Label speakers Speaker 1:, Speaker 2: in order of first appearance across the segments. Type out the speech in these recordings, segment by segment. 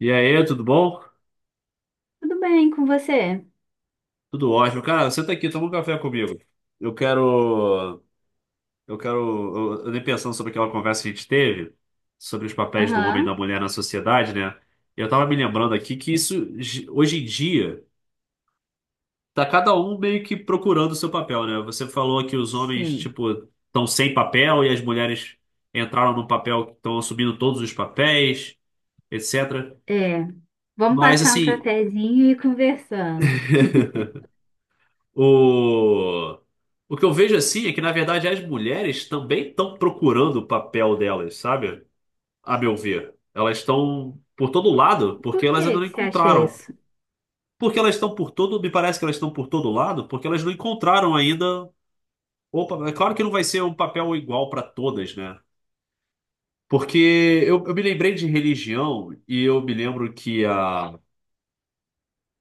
Speaker 1: E aí, tudo bom?
Speaker 2: Tudo bem com você?
Speaker 1: Tudo ótimo. Cara, senta aqui, toma um café comigo. Eu quero. Eu quero. Eu andei pensando sobre aquela conversa que a gente teve, sobre os papéis do homem e da
Speaker 2: Aham,
Speaker 1: mulher na sociedade, né? E eu tava me lembrando aqui que isso, hoje em dia, tá cada um meio que procurando o seu papel, né? Você falou que os homens,
Speaker 2: sei.
Speaker 1: tipo, estão sem papel e as mulheres entraram num papel que estão assumindo todos os papéis, etc.
Speaker 2: É, vamos
Speaker 1: Mas,
Speaker 2: passar um
Speaker 1: assim,
Speaker 2: cafezinho e ir conversando.
Speaker 1: O, o que eu vejo assim é que, na verdade, as mulheres também estão procurando o papel delas, sabe? A meu ver. Elas estão por todo lado porque
Speaker 2: Por
Speaker 1: elas
Speaker 2: que
Speaker 1: ainda não
Speaker 2: que você acha
Speaker 1: encontraram.
Speaker 2: isso?
Speaker 1: Porque elas estão por todo, me parece que elas estão por todo lado porque elas não encontraram ainda. Opa, é claro que não vai ser um papel igual para todas, né? Porque eu me lembrei de religião e eu me lembro que a.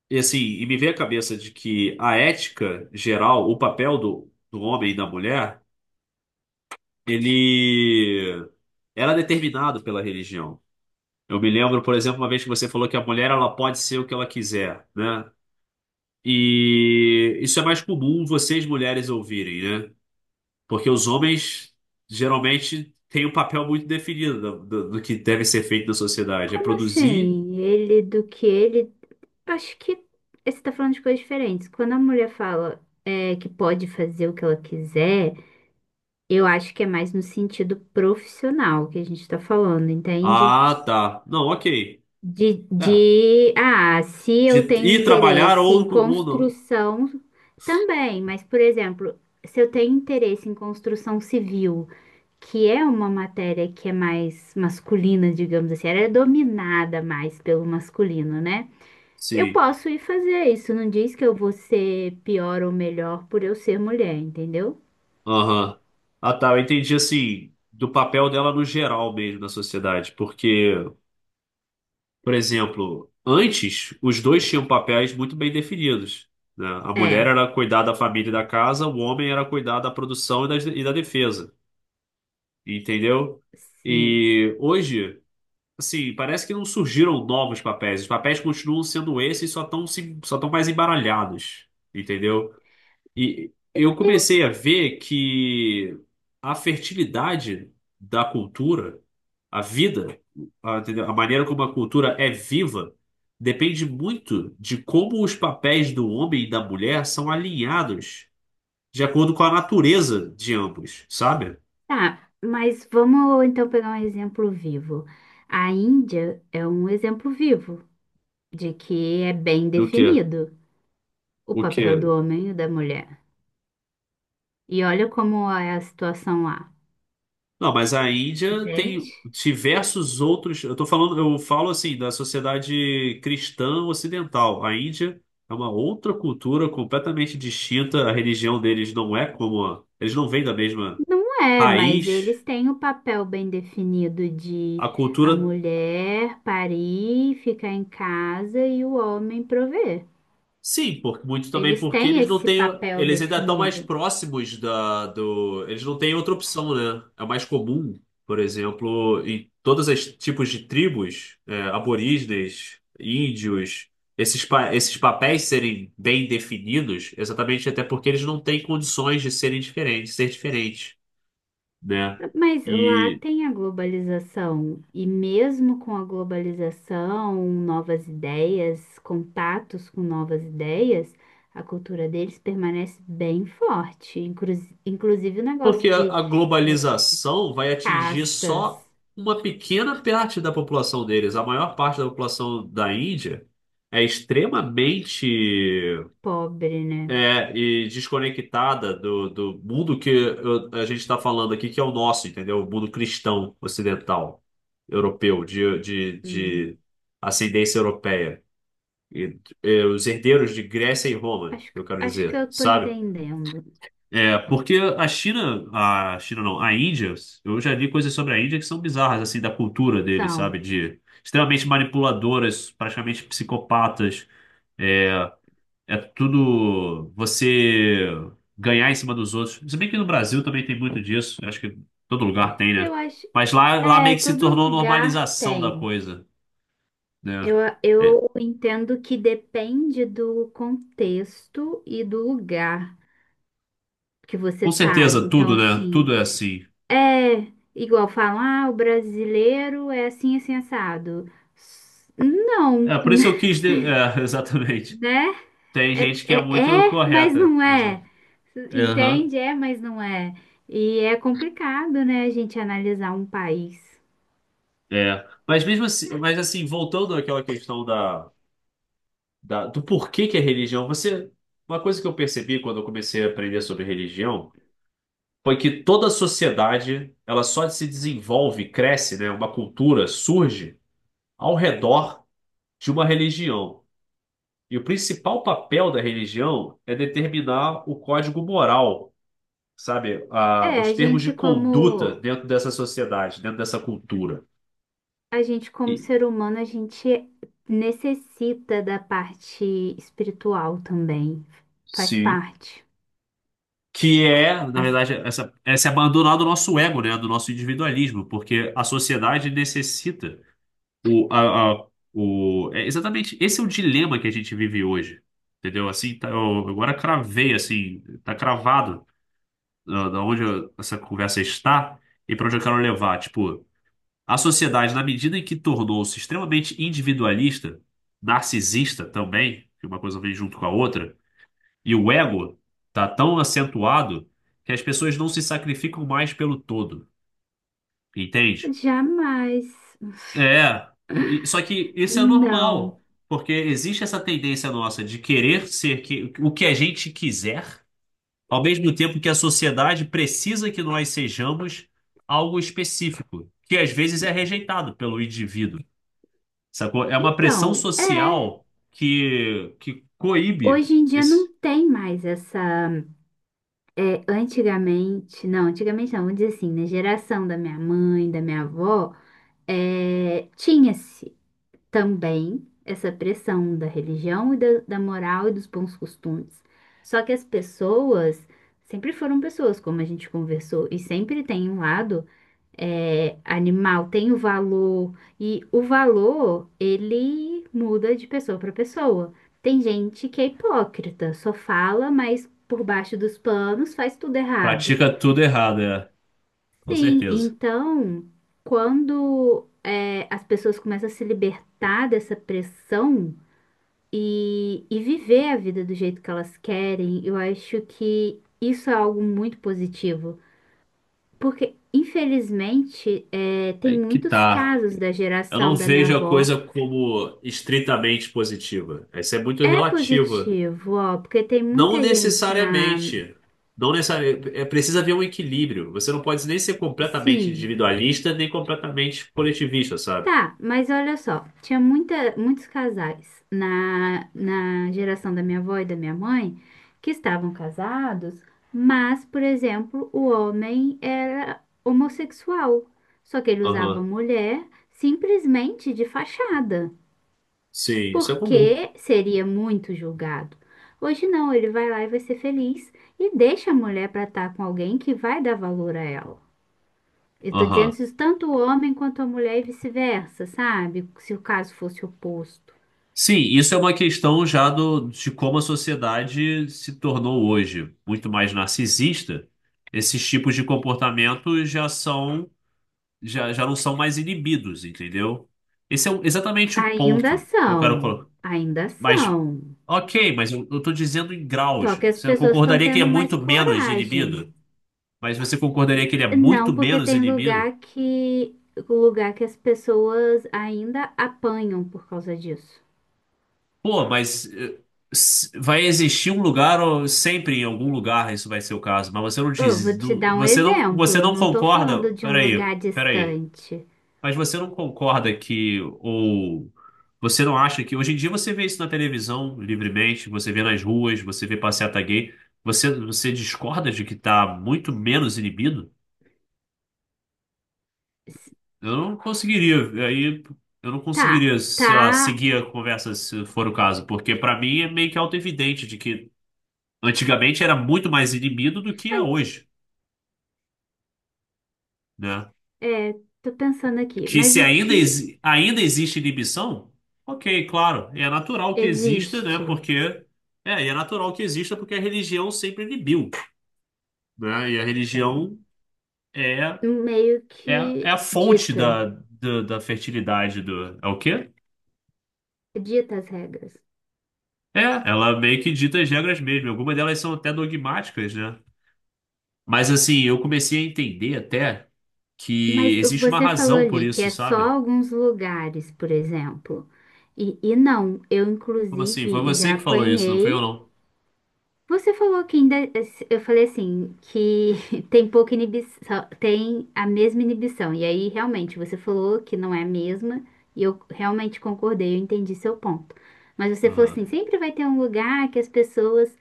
Speaker 1: E assim, e me veio a cabeça de que a ética geral, o papel do homem e da mulher. Ele era determinado pela religião. Eu me lembro, por exemplo, uma vez que você falou que a mulher ela pode ser o que ela quiser, né? E isso é mais comum vocês mulheres ouvirem, né? Porque os homens geralmente têm um papel muito definido do que deve ser feito na sociedade. É
Speaker 2: Como
Speaker 1: produzir.
Speaker 2: assim? Ele do que ele? Acho que você está falando de coisas diferentes. Quando a mulher fala é, que pode fazer o que ela quiser, eu acho que é mais no sentido profissional que a gente está falando, entende?
Speaker 1: Ah, tá. Não, ok. É.
Speaker 2: Se
Speaker 1: De
Speaker 2: eu tenho
Speaker 1: ir trabalhar
Speaker 2: interesse em
Speaker 1: ou não.
Speaker 2: construção também, mas, por exemplo, se eu tenho interesse em construção civil, que é uma matéria que é mais masculina, digamos assim, ela é dominada mais pelo masculino, né? Eu
Speaker 1: Sim.
Speaker 2: posso ir fazer isso, não diz que eu vou ser pior ou melhor por eu ser mulher, entendeu?
Speaker 1: Aham. Ah, tá. Eu entendi assim, do papel dela no geral mesmo na sociedade. Porque, por exemplo, antes os dois tinham papéis muito bem definidos. Né? A mulher
Speaker 2: É,
Speaker 1: era cuidar da família e da casa, o homem era cuidar da produção e da defesa. Entendeu?
Speaker 2: sim.
Speaker 1: E hoje, assim, parece que não surgiram novos papéis. Os papéis continuam sendo esses, só estão mais embaralhados. Entendeu? E eu comecei a ver que a fertilidade da cultura, a vida, entendeu? A maneira como a cultura é viva, depende muito de como os papéis do homem e da mulher são alinhados de acordo com a natureza de ambos, sabe?
Speaker 2: Tá, mas vamos então pegar um exemplo vivo. A Índia é um exemplo vivo de que é bem
Speaker 1: Do que?
Speaker 2: definido o
Speaker 1: O
Speaker 2: papel do
Speaker 1: que?
Speaker 2: homem e da mulher. E olha como é a situação lá,
Speaker 1: Não, mas a Índia
Speaker 2: entende?
Speaker 1: tem diversos outros. Eu tô falando, eu falo assim da sociedade cristã ocidental. A Índia é uma outra cultura completamente distinta. A religião deles não é como eles não vêm da mesma
Speaker 2: Não é, mas
Speaker 1: raiz.
Speaker 2: eles têm o papel bem definido de
Speaker 1: A
Speaker 2: a
Speaker 1: cultura.
Speaker 2: mulher parir, ficar em casa e o homem prover.
Speaker 1: Sim, por, muito também
Speaker 2: Eles
Speaker 1: porque
Speaker 2: têm
Speaker 1: eles não
Speaker 2: esse
Speaker 1: têm.
Speaker 2: papel
Speaker 1: Eles ainda estão mais
Speaker 2: definido.
Speaker 1: próximos da, do. Eles não têm outra opção, né? É mais comum, por exemplo, em todos os tipos de tribos, é, aborígenes, índios, esses, esses papéis serem bem definidos, exatamente até porque eles não têm condições de serem diferentes, ser diferentes, né?
Speaker 2: Mas lá tem a globalização, e mesmo com a globalização, novas ideias, contatos com novas ideias, a cultura deles permanece bem forte, inclusive o negócio
Speaker 1: Porque a
Speaker 2: de
Speaker 1: a
Speaker 2: é,
Speaker 1: globalização vai atingir
Speaker 2: castas,
Speaker 1: só uma pequena parte da população deles. A maior parte da população da Índia é extremamente,
Speaker 2: pobre, né?
Speaker 1: é, e desconectada do mundo que a gente está falando aqui, que é o nosso, entendeu? O mundo cristão ocidental, europeu, de, de,
Speaker 2: Hum,
Speaker 1: de ascendência europeia. E, os herdeiros de Grécia e Roma, eu quero
Speaker 2: acho que
Speaker 1: dizer,
Speaker 2: eu tô
Speaker 1: sabe?
Speaker 2: entendendo.
Speaker 1: É, porque a China não, a Índia, eu já li coisas sobre a Índia que são bizarras, assim, da cultura deles,
Speaker 2: São,
Speaker 1: sabe? De extremamente manipuladoras, praticamente psicopatas. É, é tudo você ganhar em cima dos outros. Se bem que no Brasil também tem muito disso, eu acho que todo lugar tem, né?
Speaker 2: eu acho,
Speaker 1: Mas lá meio
Speaker 2: é,
Speaker 1: que se
Speaker 2: todo
Speaker 1: tornou
Speaker 2: lugar
Speaker 1: normalização da
Speaker 2: tem.
Speaker 1: coisa, né?
Speaker 2: Eu,
Speaker 1: É,
Speaker 2: eu entendo que depende do contexto e do lugar, que você
Speaker 1: com
Speaker 2: tá.
Speaker 1: certeza,
Speaker 2: Então,
Speaker 1: tudo, né? Tudo
Speaker 2: assim,
Speaker 1: é assim.
Speaker 2: é igual falam, ah, o brasileiro é assim, assim, assado. S- Não,
Speaker 1: É, por isso eu quis. De- É, exatamente.
Speaker 2: né?
Speaker 1: Tem
Speaker 2: É,
Speaker 1: gente que é muito
Speaker 2: é, é, mas
Speaker 1: correta.
Speaker 2: não é.
Speaker 1: Exato. Aham,
Speaker 2: Entende? É, mas não é. E é complicado, né, a gente analisar um país.
Speaker 1: é. Mas mesmo assim, mas assim, voltando àquela questão do porquê que é religião, você, uma coisa que eu percebi quando eu comecei a aprender sobre religião foi que toda sociedade, ela só se desenvolve, cresce, né? Uma cultura surge ao redor de uma religião. E o principal papel da religião é determinar o código moral, sabe? Ah,
Speaker 2: É,
Speaker 1: os
Speaker 2: a
Speaker 1: termos de
Speaker 2: gente
Speaker 1: conduta
Speaker 2: como
Speaker 1: dentro dessa sociedade, dentro dessa cultura.
Speaker 2: a gente como
Speaker 1: E,
Speaker 2: ser humano, a gente necessita da parte espiritual também. Faz
Speaker 1: sim.
Speaker 2: parte.
Speaker 1: Que é, na
Speaker 2: As-
Speaker 1: verdade, essa, é se abandonar do nosso ego, né? Do nosso individualismo, porque a sociedade necessita o, a- o, é exatamente, esse é o dilema que a gente vive hoje, entendeu? Assim, tá, eu agora cravei, assim, tá cravado da onde essa conversa está e para onde eu quero levar, tipo, a sociedade, na medida em que tornou-se extremamente individualista, narcisista também, que uma coisa vem junto com a outra, e o ego tá tão acentuado que as pessoas não se sacrificam mais pelo todo, entende?
Speaker 2: Jamais.
Speaker 1: É, só que isso é
Speaker 2: Não.
Speaker 1: normal, porque existe essa tendência nossa de querer ser o que a gente quiser, ao mesmo tempo que a sociedade precisa que nós sejamos algo específico, que às vezes é rejeitado pelo indivíduo, sacou? É uma pressão
Speaker 2: Então, é.
Speaker 1: social que coíbe
Speaker 2: Hoje em dia não
Speaker 1: esse...
Speaker 2: tem mais essa. É, antigamente não, vamos dizer assim, na geração da minha mãe, da minha avó, é, tinha-se também essa pressão da religião e da moral e dos bons costumes. Só que as pessoas sempre foram pessoas, como a gente conversou, e sempre tem um lado. É, animal tem o valor e o valor ele muda de pessoa para pessoa. Tem gente que é hipócrita, só fala, mas por baixo dos panos faz tudo errado.
Speaker 1: Pratica tudo errado, é, com
Speaker 2: Sim,
Speaker 1: certeza.
Speaker 2: então quando é, as pessoas começam a se libertar dessa pressão e viver a vida do jeito que elas querem, eu acho que isso é algo muito positivo. Porque, infelizmente, é, tem
Speaker 1: Aí que
Speaker 2: muitos
Speaker 1: tá.
Speaker 2: casos da
Speaker 1: Eu não
Speaker 2: geração da minha
Speaker 1: vejo a
Speaker 2: avó.
Speaker 1: coisa como estritamente positiva. Essa é muito
Speaker 2: É
Speaker 1: relativa.
Speaker 2: positivo, ó, porque tem muita
Speaker 1: Não
Speaker 2: gente na.
Speaker 1: necessariamente. Não necessariamente. É, precisa haver um equilíbrio. Você não pode nem ser completamente
Speaker 2: Sim,
Speaker 1: individualista, nem completamente coletivista, sabe?
Speaker 2: tá, mas olha só, tinha muitos casais na, na geração da minha avó e da minha mãe que estavam casados, mas, por exemplo, o homem era homossexual, só que ele usava
Speaker 1: Aham.
Speaker 2: mulher simplesmente de fachada,
Speaker 1: Sim, isso é comum.
Speaker 2: porque seria muito julgado. Hoje não, ele vai lá e vai ser feliz e deixa a mulher para estar com alguém que vai dar valor a ela. Eu tô dizendo
Speaker 1: Aham.
Speaker 2: isso tanto o homem quanto a mulher e vice-versa, sabe? Se o caso fosse oposto.
Speaker 1: Sim, isso é uma questão já do, de como a sociedade se tornou hoje muito mais narcisista. Esses tipos de comportamento já são já não são mais inibidos, entendeu? Esse é exatamente o
Speaker 2: Ainda
Speaker 1: ponto que eu quero
Speaker 2: são,
Speaker 1: colocar.
Speaker 2: ainda
Speaker 1: Mas,
Speaker 2: são.
Speaker 1: ok, mas eu tô dizendo em
Speaker 2: Só
Speaker 1: graus.
Speaker 2: que as
Speaker 1: Você não
Speaker 2: pessoas estão
Speaker 1: concordaria que ele é
Speaker 2: tendo mais
Speaker 1: muito menos inibido?
Speaker 2: coragem.
Speaker 1: Mas você concordaria que ele é muito
Speaker 2: Não, porque
Speaker 1: menos
Speaker 2: tem
Speaker 1: inibido?
Speaker 2: lugar que as pessoas ainda apanham por causa disso.
Speaker 1: Pô, mas vai existir um lugar, ou sempre em algum lugar isso vai ser o caso, mas você não
Speaker 2: Eu vou
Speaker 1: diz,
Speaker 2: te dar um
Speaker 1: você
Speaker 2: exemplo.
Speaker 1: não
Speaker 2: Não tô
Speaker 1: concorda.
Speaker 2: falando de um
Speaker 1: Peraí,
Speaker 2: lugar
Speaker 1: peraí.
Speaker 2: distante.
Speaker 1: Mas você não concorda que, ou você não acha que, hoje em dia você vê isso na televisão livremente, você vê nas ruas, você vê passeata gay, você, você discorda de que tá muito menos inibido?
Speaker 2: S-
Speaker 1: Eu não conseguiria, aí eu não
Speaker 2: Tá,
Speaker 1: conseguiria, sei
Speaker 2: tá.
Speaker 1: lá, seguir a conversa se for o caso, porque pra mim é meio que auto-evidente de que antigamente era muito mais inibido do que
Speaker 2: Ai,
Speaker 1: é hoje, né?
Speaker 2: é, tô pensando aqui.
Speaker 1: Que
Speaker 2: Mas
Speaker 1: se
Speaker 2: o
Speaker 1: ainda,
Speaker 2: que
Speaker 1: ainda existe inibição, ok, claro, é natural que exista, né?
Speaker 2: existe?
Speaker 1: Porque é, e é natural que exista porque a religião sempre inibiu, né? E a religião é,
Speaker 2: Meio
Speaker 1: é,
Speaker 2: que
Speaker 1: é a fonte
Speaker 2: dita,
Speaker 1: da fertilidade do, é o quê?
Speaker 2: dita as regras.
Speaker 1: É, ela meio que dita as regras mesmo. Algumas delas são até dogmáticas, né? Mas assim, eu comecei a entender até que
Speaker 2: Mas o que
Speaker 1: existe uma
Speaker 2: você falou
Speaker 1: razão por
Speaker 2: ali, que
Speaker 1: isso,
Speaker 2: é só
Speaker 1: sabe?
Speaker 2: alguns lugares, por exemplo. E não, eu
Speaker 1: Como assim? Foi
Speaker 2: inclusive
Speaker 1: você
Speaker 2: já
Speaker 1: que falou isso, não foi eu
Speaker 2: apanhei.
Speaker 1: não?
Speaker 2: Você falou que ainda, eu falei assim, que tem pouca inibição, tem a mesma inibição. E aí, realmente, você falou que não é a mesma, e eu realmente concordei, eu entendi seu ponto. Mas você falou assim,
Speaker 1: Aham.
Speaker 2: sempre vai ter um lugar que as pessoas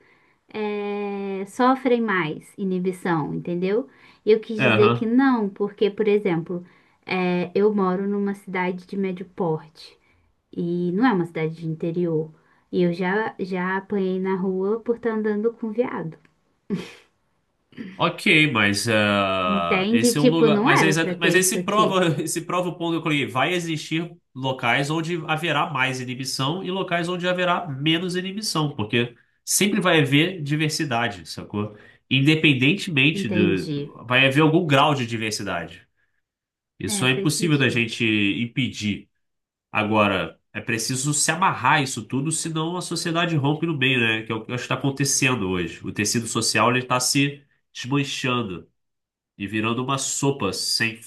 Speaker 2: sofrem mais inibição, entendeu? E eu quis
Speaker 1: É,
Speaker 2: dizer que
Speaker 1: aham.
Speaker 2: não, porque, por exemplo, eu moro numa cidade de médio porte. E não é uma cidade de interior. E já apanhei na rua por estar andando com viado.
Speaker 1: Ok, mas ah,
Speaker 2: Entende?
Speaker 1: esse é um
Speaker 2: Tipo,
Speaker 1: lugar.
Speaker 2: não
Speaker 1: Mas,
Speaker 2: era pra
Speaker 1: mas
Speaker 2: ter isso
Speaker 1: esse
Speaker 2: aqui.
Speaker 1: prova, esse prova o ponto que eu coloquei. Vai existir locais onde haverá mais inibição e locais onde haverá menos inibição, porque sempre vai haver diversidade, sacou? Independentemente
Speaker 2: Entendi.
Speaker 1: do. Vai haver algum grau de diversidade. Isso
Speaker 2: É,
Speaker 1: é
Speaker 2: faz
Speaker 1: impossível da
Speaker 2: sentido.
Speaker 1: gente impedir. Agora, é preciso se amarrar isso tudo, senão a sociedade rompe no meio, né? Que é o que está acontecendo hoje. O tecido social ele está se desmanchando e virando uma sopa sem,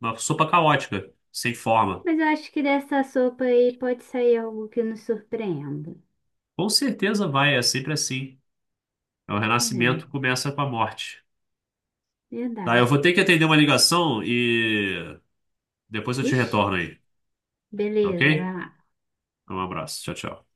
Speaker 1: uma sopa caótica, sem forma.
Speaker 2: Mas eu acho que dessa sopa aí pode sair algo que nos surpreenda.
Speaker 1: Com certeza vai, é sempre assim. É. O
Speaker 2: É,
Speaker 1: renascimento começa com a morte. Tá, eu vou
Speaker 2: verdade.
Speaker 1: ter que atender uma ligação e depois eu te
Speaker 2: Ixi,
Speaker 1: retorno aí, tá
Speaker 2: beleza,
Speaker 1: ok?
Speaker 2: vai lá.
Speaker 1: Um abraço, tchau, tchau.